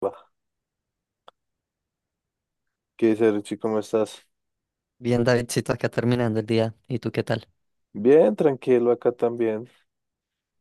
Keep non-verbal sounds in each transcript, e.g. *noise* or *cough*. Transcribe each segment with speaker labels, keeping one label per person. Speaker 1: Va, ¿qué dice Richie? ¿Cómo estás?
Speaker 2: Bien, Davidcito, acá terminando el día. ¿Y tú qué tal?
Speaker 1: Bien, tranquilo acá también,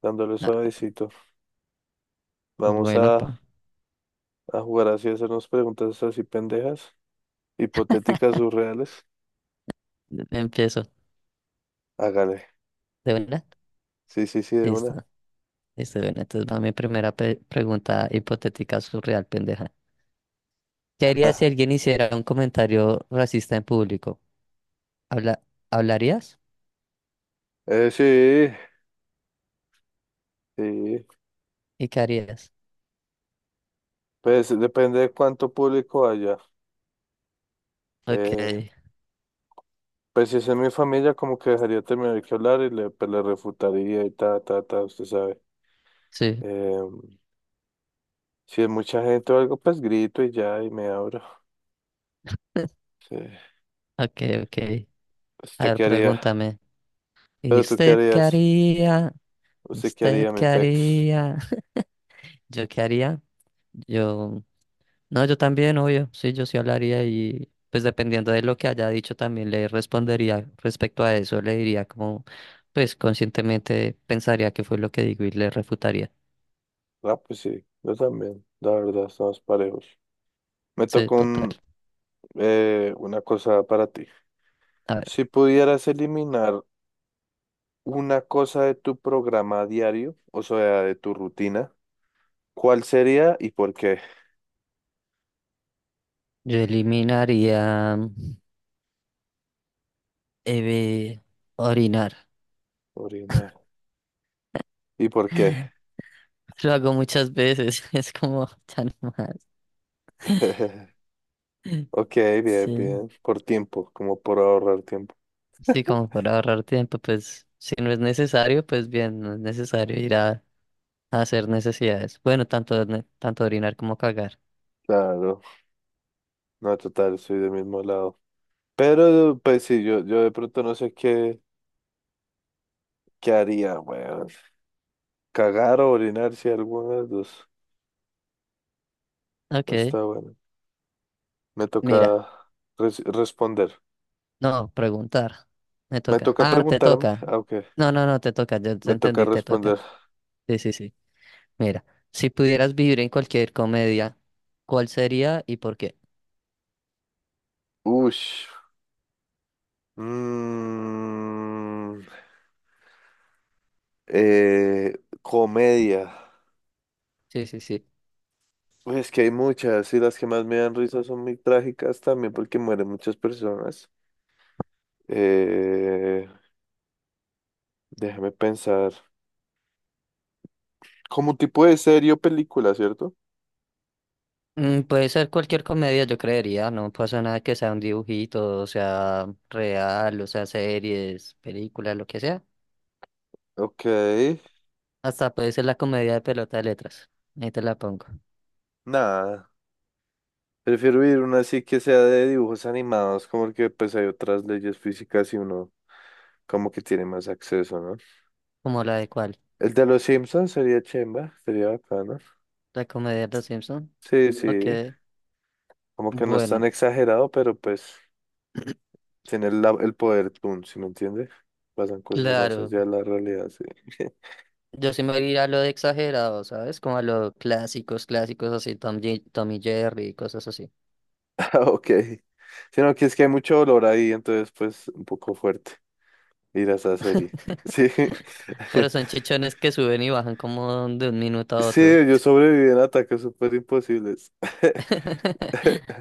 Speaker 1: dándole
Speaker 2: Ah,
Speaker 1: suavecito. Vamos
Speaker 2: bueno, pa,
Speaker 1: a jugar así, a hacernos preguntas así pendejas, hipotéticas, surreales.
Speaker 2: empiezo.
Speaker 1: Hágale.
Speaker 2: ¿De verdad?
Speaker 1: Sí, sí, sí, de una.
Speaker 2: Listo, listo, de una. Entonces va mi primera pregunta hipotética surreal, pendeja. ¿Qué harías si
Speaker 1: *laughs*
Speaker 2: alguien hiciera un comentario racista en público? ¿Habla ¿Hablarías?
Speaker 1: Sí, sí.
Speaker 2: ¿Y qué harías?
Speaker 1: Pues depende de cuánto público haya.
Speaker 2: Ok,
Speaker 1: Eh, pues si es en mi familia, como que dejaría terminar que hablar y le, pues, le refutaría y ta, ta, ta, usted sabe.
Speaker 2: sí,
Speaker 1: Eh, si es mucha gente o algo, pues grito y ya, y me abro. Sí.
Speaker 2: ok, ok.
Speaker 1: Pues,
Speaker 2: A
Speaker 1: ¿usted
Speaker 2: ver,
Speaker 1: qué haría?
Speaker 2: pregúntame. ¿Y
Speaker 1: Pero tú qué
Speaker 2: usted qué
Speaker 1: harías,
Speaker 2: haría?
Speaker 1: usted qué
Speaker 2: ¿Usted
Speaker 1: haría,
Speaker 2: qué
Speaker 1: mi pex.
Speaker 2: haría? *laughs* ¿Yo qué haría? Yo... No, yo también, obvio, sí, yo sí hablaría y pues dependiendo de lo que haya dicho también le respondería respecto a eso, le diría como, pues conscientemente pensaría que fue lo que digo y le refutaría.
Speaker 1: Ah, pues sí, yo también, la verdad, estamos parejos. Me
Speaker 2: Sí,
Speaker 1: tocó
Speaker 2: total.
Speaker 1: un, eh, una cosa para ti.
Speaker 2: A ver,
Speaker 1: Si pudieras eliminar una cosa de tu programa diario, o sea, de tu rutina, ¿cuál sería y por qué?
Speaker 2: yo eliminaría eh, orinar.
Speaker 1: Orinar. ¿Y por qué?
Speaker 2: *laughs* Lo hago muchas veces, *laughs* es como tan más.
Speaker 1: *laughs* Ok, bien,
Speaker 2: Sí,
Speaker 1: bien. Por tiempo, como por ahorrar tiempo.
Speaker 2: sí, como para ahorrar tiempo, pues si no es necesario, pues bien, no es necesario ir a hacer necesidades. Bueno, tanto, tanto orinar como cagar.
Speaker 1: Claro, no, total, soy del mismo lado. Pero, pues sí, yo de pronto no sé qué, qué haría, güey. Cagar o orinar, si alguna de las dos.
Speaker 2: Ok,
Speaker 1: Está bueno. Me toca
Speaker 2: mira.
Speaker 1: responder.
Speaker 2: No, preguntar. Me
Speaker 1: Me
Speaker 2: toca.
Speaker 1: toca
Speaker 2: Ah, te
Speaker 1: preguntarme.
Speaker 2: toca.
Speaker 1: Ah, ok.
Speaker 2: No, no, no, te toca. Yo te
Speaker 1: Me toca
Speaker 2: entendí, te
Speaker 1: responder.
Speaker 2: toca. Sí, sí, sí. Mira, si pudieras vivir en cualquier comedia, ¿cuál sería y por qué?
Speaker 1: Ush. Mm, comedia.
Speaker 2: Sí, sí, sí.
Speaker 1: Uy, es que hay muchas y las que más me dan risa son muy trágicas también porque mueren muchas personas. Eh, déjame pensar. Como un tipo de serie o película, ¿cierto?
Speaker 2: Mm, puede ser cualquier comedia, yo creería. No pasa nada que sea un dibujito, o sea real, o sea series, películas, lo que sea.
Speaker 1: Ok.
Speaker 2: Hasta puede ser la comedia de pelota de letras. Ahí te la pongo.
Speaker 1: Nada. Prefiero ir una así que sea de dibujos animados, como que pues hay otras leyes físicas y uno como que tiene más acceso, ¿no?
Speaker 2: ¿Como la de cuál?
Speaker 1: El de los Simpsons sería chimba, sería bacano.
Speaker 2: La comedia de los Simpson.
Speaker 1: Sí,
Speaker 2: Ok,
Speaker 1: sí, como que no es tan
Speaker 2: bueno,
Speaker 1: exagerado, pero pues tiene el poder Toon, ¿sí me entiende? Pasan cosas más
Speaker 2: claro.
Speaker 1: allá de la realidad, sí. *laughs*
Speaker 2: Yo sí me iría a lo de exagerado, ¿sabes? Como a lo clásicos, clásicos así, Tom, Tom y Jerry y cosas así.
Speaker 1: Ah, ok. Sino que es que hay mucho dolor ahí, entonces pues un poco fuerte ir a esa serie. Sí.
Speaker 2: Pero
Speaker 1: *laughs*
Speaker 2: son chichones que suben y bajan como de un minuto a
Speaker 1: Sí,
Speaker 2: otro.
Speaker 1: yo sobreviví en ataques súper imposibles. *laughs*
Speaker 2: *laughs*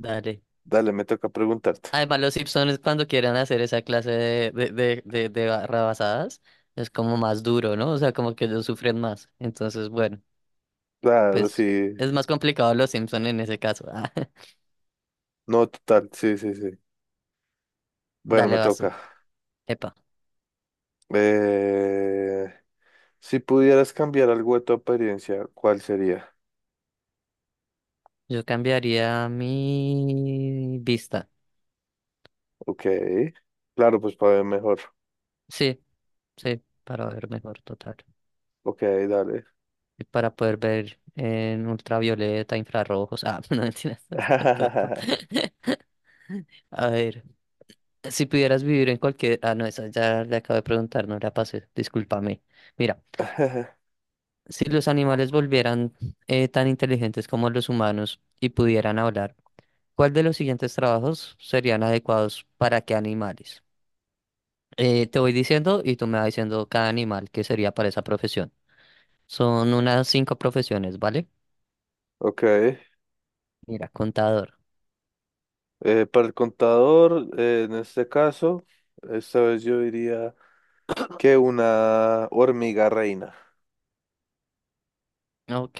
Speaker 2: Dale.
Speaker 1: Dale, me toca preguntarte.
Speaker 2: Además, los Simpsons cuando quieran hacer esa clase de barra es como más duro, ¿no? O sea, como que ellos sufren más. Entonces, bueno,
Speaker 1: Claro,
Speaker 2: pues
Speaker 1: sí.
Speaker 2: es más complicado los Simpsons en ese caso. *laughs*
Speaker 1: No, total, sí, sí, sí. Bueno, me
Speaker 2: Dale, vaso.
Speaker 1: toca.
Speaker 2: Epa.
Speaker 1: Eh, si pudieras cambiar algo de tu apariencia, ¿cuál sería?
Speaker 2: Yo cambiaría mi vista.
Speaker 1: Ok. Claro, pues para ver mejor.
Speaker 2: Sí, sí, para ver mejor, total.
Speaker 1: Ok, dale.
Speaker 2: Y para poder ver en ultravioleta, infrarrojos. Ah, *laughs* no mentiras. *laughs* está todo.
Speaker 1: *laughs*
Speaker 2: A ver, si pudieras vivir en cualquier... Ah, no, esa ya le acabo de preguntar, no la pasé. Discúlpame. Mira, si los animales volvieran tan inteligentes como los humanos y pudieran hablar, ¿cuál de los siguientes trabajos serían adecuados para qué animales? Te voy diciendo y tú me vas diciendo cada animal que sería para esa profesión. Son unas cinco profesiones, ¿vale?
Speaker 1: Ok.
Speaker 2: Mira, contador.
Speaker 1: Para el contador, en este caso, esta vez yo diría que una hormiga reina.
Speaker 2: Ok,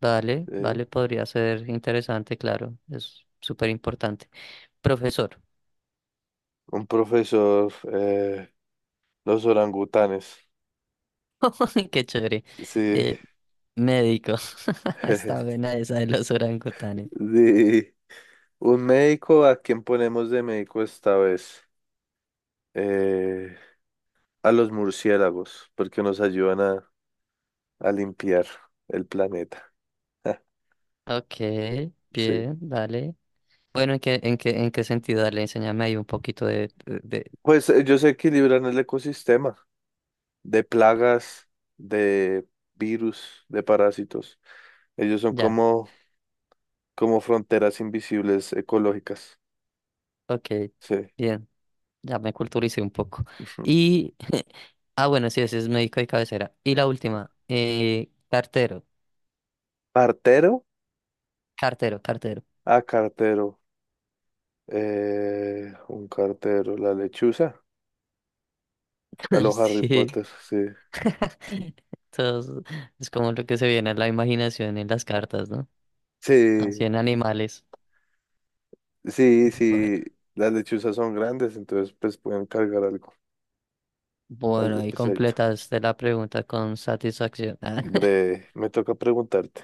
Speaker 2: vale,
Speaker 1: ¿Sí?
Speaker 2: vale, podría ser interesante, claro, es súper importante. Profesor,
Speaker 1: Un profesor, los orangutanes.
Speaker 2: *laughs* qué chévere.
Speaker 1: Sí.
Speaker 2: Eh, médico, *laughs* está
Speaker 1: *laughs*
Speaker 2: buena esa de los orangutanes.
Speaker 1: De un médico, ¿a quién ponemos de médico esta vez? Eh, a los murciélagos, porque nos ayudan a limpiar el planeta. *laughs*
Speaker 2: Ok,
Speaker 1: Sí.
Speaker 2: bien, vale. Bueno, ¿en qué, en qué, en qué sentido? Dale, enséñame ahí un poquito de.
Speaker 1: Pues ellos equilibran el ecosistema de plagas, de virus, de parásitos. Ellos son
Speaker 2: Ya,
Speaker 1: como, como fronteras invisibles ecológicas.
Speaker 2: ok,
Speaker 1: Sí.
Speaker 2: bien. Ya me culturicé un poco.
Speaker 1: Ujú.
Speaker 2: Y, *laughs* ah, bueno, sí, ese es médico de cabecera. Y la última, cartero,
Speaker 1: Partero
Speaker 2: cartero, cartero.
Speaker 1: a cartero. Un cartero, la lechuza. A
Speaker 2: *laughs*
Speaker 1: los Harry
Speaker 2: Sí.
Speaker 1: Potter, sí.
Speaker 2: *laughs* Entonces, es como lo que se viene a la imaginación en las cartas, ¿no? Así
Speaker 1: Sí,
Speaker 2: en animales.
Speaker 1: sí,
Speaker 2: Bueno,
Speaker 1: sí. Las lechuzas son grandes, entonces pues pueden cargar algo,
Speaker 2: bueno,
Speaker 1: algo
Speaker 2: ahí
Speaker 1: pesadito.
Speaker 2: completaste la pregunta con satisfacción. *laughs*
Speaker 1: Breve, me toca preguntarte.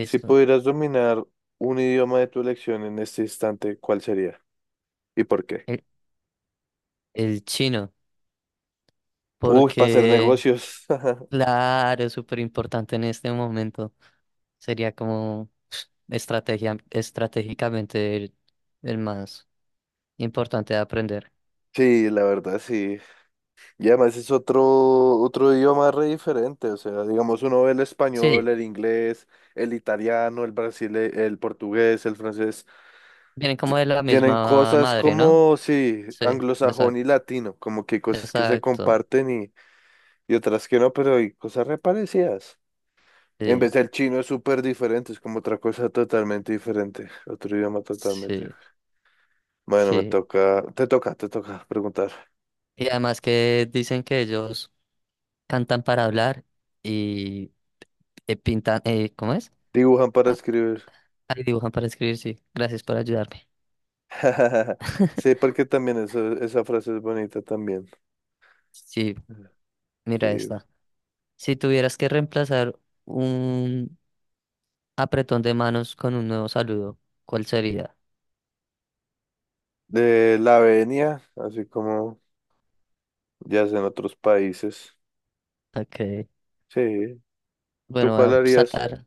Speaker 1: Si pudieras dominar un idioma de tu elección en este instante, ¿cuál sería? ¿Y por qué?
Speaker 2: El, el chino,
Speaker 1: Uy, para hacer
Speaker 2: porque,
Speaker 1: negocios. *laughs*
Speaker 2: claro, es súper importante en este momento. Sería como pf, estrategia, estratégicamente el más importante de aprender.
Speaker 1: Sí, la verdad, sí. Y además es otro, otro idioma re diferente. O sea, digamos, uno ve el español,
Speaker 2: Sí,
Speaker 1: el inglés, el italiano, el brasile, el portugués, el francés.
Speaker 2: vienen como de la
Speaker 1: Tienen
Speaker 2: misma
Speaker 1: cosas
Speaker 2: madre, ¿no?
Speaker 1: como, sí,
Speaker 2: Sí,
Speaker 1: anglosajón
Speaker 2: exacto,
Speaker 1: y latino, como que hay cosas que se
Speaker 2: exacto.
Speaker 1: comparten y otras que no, pero hay cosas reparecidas. En
Speaker 2: Sí,
Speaker 1: vez del chino es súper diferente, es como otra cosa totalmente diferente, otro idioma totalmente.
Speaker 2: sí,
Speaker 1: Bueno, me
Speaker 2: sí.
Speaker 1: toca, te toca preguntar.
Speaker 2: Y además que dicen que ellos cantan para hablar y pintan, ¿cómo es?
Speaker 1: Dibujan para
Speaker 2: Ah,
Speaker 1: escribir.
Speaker 2: ahí dibujan para escribir, sí. Gracias por ayudarme.
Speaker 1: *laughs* Sí, porque también eso, esa frase es bonita también.
Speaker 2: Sí, mira
Speaker 1: Sí,
Speaker 2: esta. Si tuvieras que reemplazar un apretón de manos con un nuevo saludo. ¿Cuál sería?
Speaker 1: de la venia, así como ya es en otros países.
Speaker 2: Ok.
Speaker 1: Sí, ¿tú
Speaker 2: Bueno,
Speaker 1: cuál harías?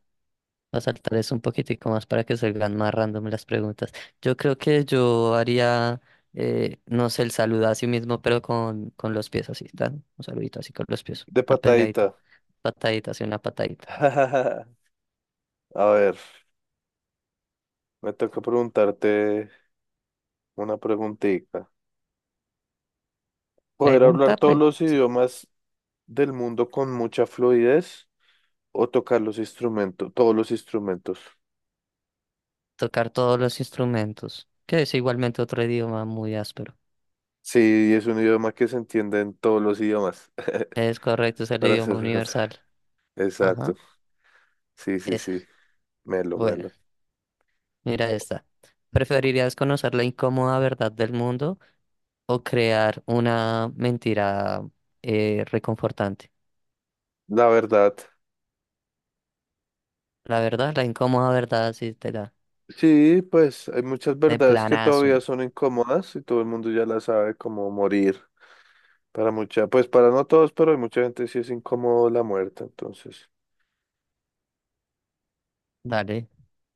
Speaker 2: voy a saltar eso un poquitico más para que salgan más random las preguntas. Yo creo que yo haría, no sé, el saludo a sí mismo, pero con los pies así, ¿tan? Un saludito así con los pies.
Speaker 1: De
Speaker 2: Una
Speaker 1: patadita.
Speaker 2: pegadita. Patadita, así una patadita.
Speaker 1: *laughs* A ver, me toca preguntarte una preguntita. ¿Poder hablar
Speaker 2: Pregunta,
Speaker 1: todos
Speaker 2: pre.
Speaker 1: los
Speaker 2: Sí.
Speaker 1: idiomas del mundo con mucha fluidez o tocar los instrumentos, todos los instrumentos?
Speaker 2: Tocar todos los instrumentos, que es igualmente otro idioma muy áspero.
Speaker 1: Sí, es un idioma que se entiende en todos los idiomas.
Speaker 2: Es correcto, es
Speaker 1: *laughs*
Speaker 2: el
Speaker 1: Para
Speaker 2: idioma
Speaker 1: ser
Speaker 2: universal.
Speaker 1: exacto.
Speaker 2: Ajá,
Speaker 1: Sí, sí, sí.
Speaker 2: esa.
Speaker 1: Melo,
Speaker 2: Bueno.
Speaker 1: melo.
Speaker 2: Mira esta. ¿Preferirías conocer la incómoda verdad del mundo o crear una mentira reconfortante?
Speaker 1: La verdad.
Speaker 2: La verdad, la incómoda verdad, sí te da.
Speaker 1: Sí, pues hay muchas
Speaker 2: De
Speaker 1: verdades que todavía
Speaker 2: planazo.
Speaker 1: son incómodas y todo el mundo ya la sabe, como morir. Para mucha, pues para no todos, pero hay mucha gente sí es incómodo la muerte, entonces,
Speaker 2: Dale,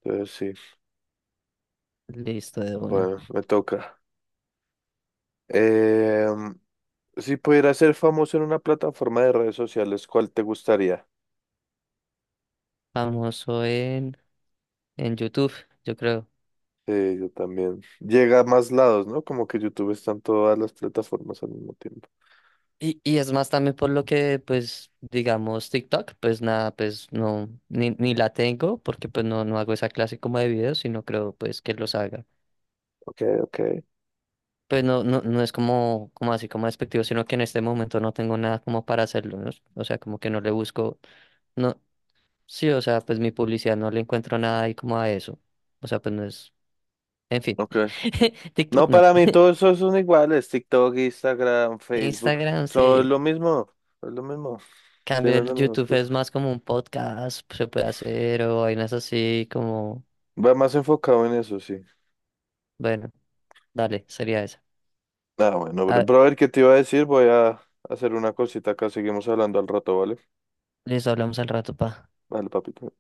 Speaker 1: entonces sí,
Speaker 2: listo de una.
Speaker 1: bueno, me toca. Eh, si pudiera ser famoso en una plataforma de redes sociales, ¿cuál te gustaría?
Speaker 2: Famoso en YouTube, yo creo.
Speaker 1: Sí, yo también. Llega a más lados, ¿no? Como que YouTube está en todas las plataformas al mismo tiempo.
Speaker 2: Y es más también por lo que, pues, digamos, TikTok, pues nada, pues no, ni la tengo, porque pues no, no hago esa clase como de videos, sino creo pues que los haga.
Speaker 1: Ok, ok.
Speaker 2: Pues no, no, no es como, como así como despectivo, sino que en este momento no tengo nada como para hacerlo, ¿no? O sea, como que no le busco, no, sí, o sea, pues mi publicidad no le encuentro nada ahí como a eso. O sea, pues no es, en fin.
Speaker 1: Ok.
Speaker 2: *laughs*
Speaker 1: No,
Speaker 2: TikTok no.
Speaker 1: para mí todos esos son iguales, TikTok, Instagram, Facebook,
Speaker 2: Instagram
Speaker 1: todo
Speaker 2: sí.
Speaker 1: es lo mismo,
Speaker 2: Cambio
Speaker 1: tienen
Speaker 2: el
Speaker 1: las mismas
Speaker 2: YouTube es
Speaker 1: cosas.
Speaker 2: más como un podcast, pues, se puede hacer, o vainas así como,
Speaker 1: Va más enfocado en eso, sí.
Speaker 2: bueno, dale, sería esa.
Speaker 1: Ah bueno, bro,
Speaker 2: Ah,
Speaker 1: pero a ver qué te iba a decir. Voy a hacer una cosita acá. Seguimos hablando al rato, ¿vale?
Speaker 2: listo, hablamos al rato, pa.
Speaker 1: Vale, papito.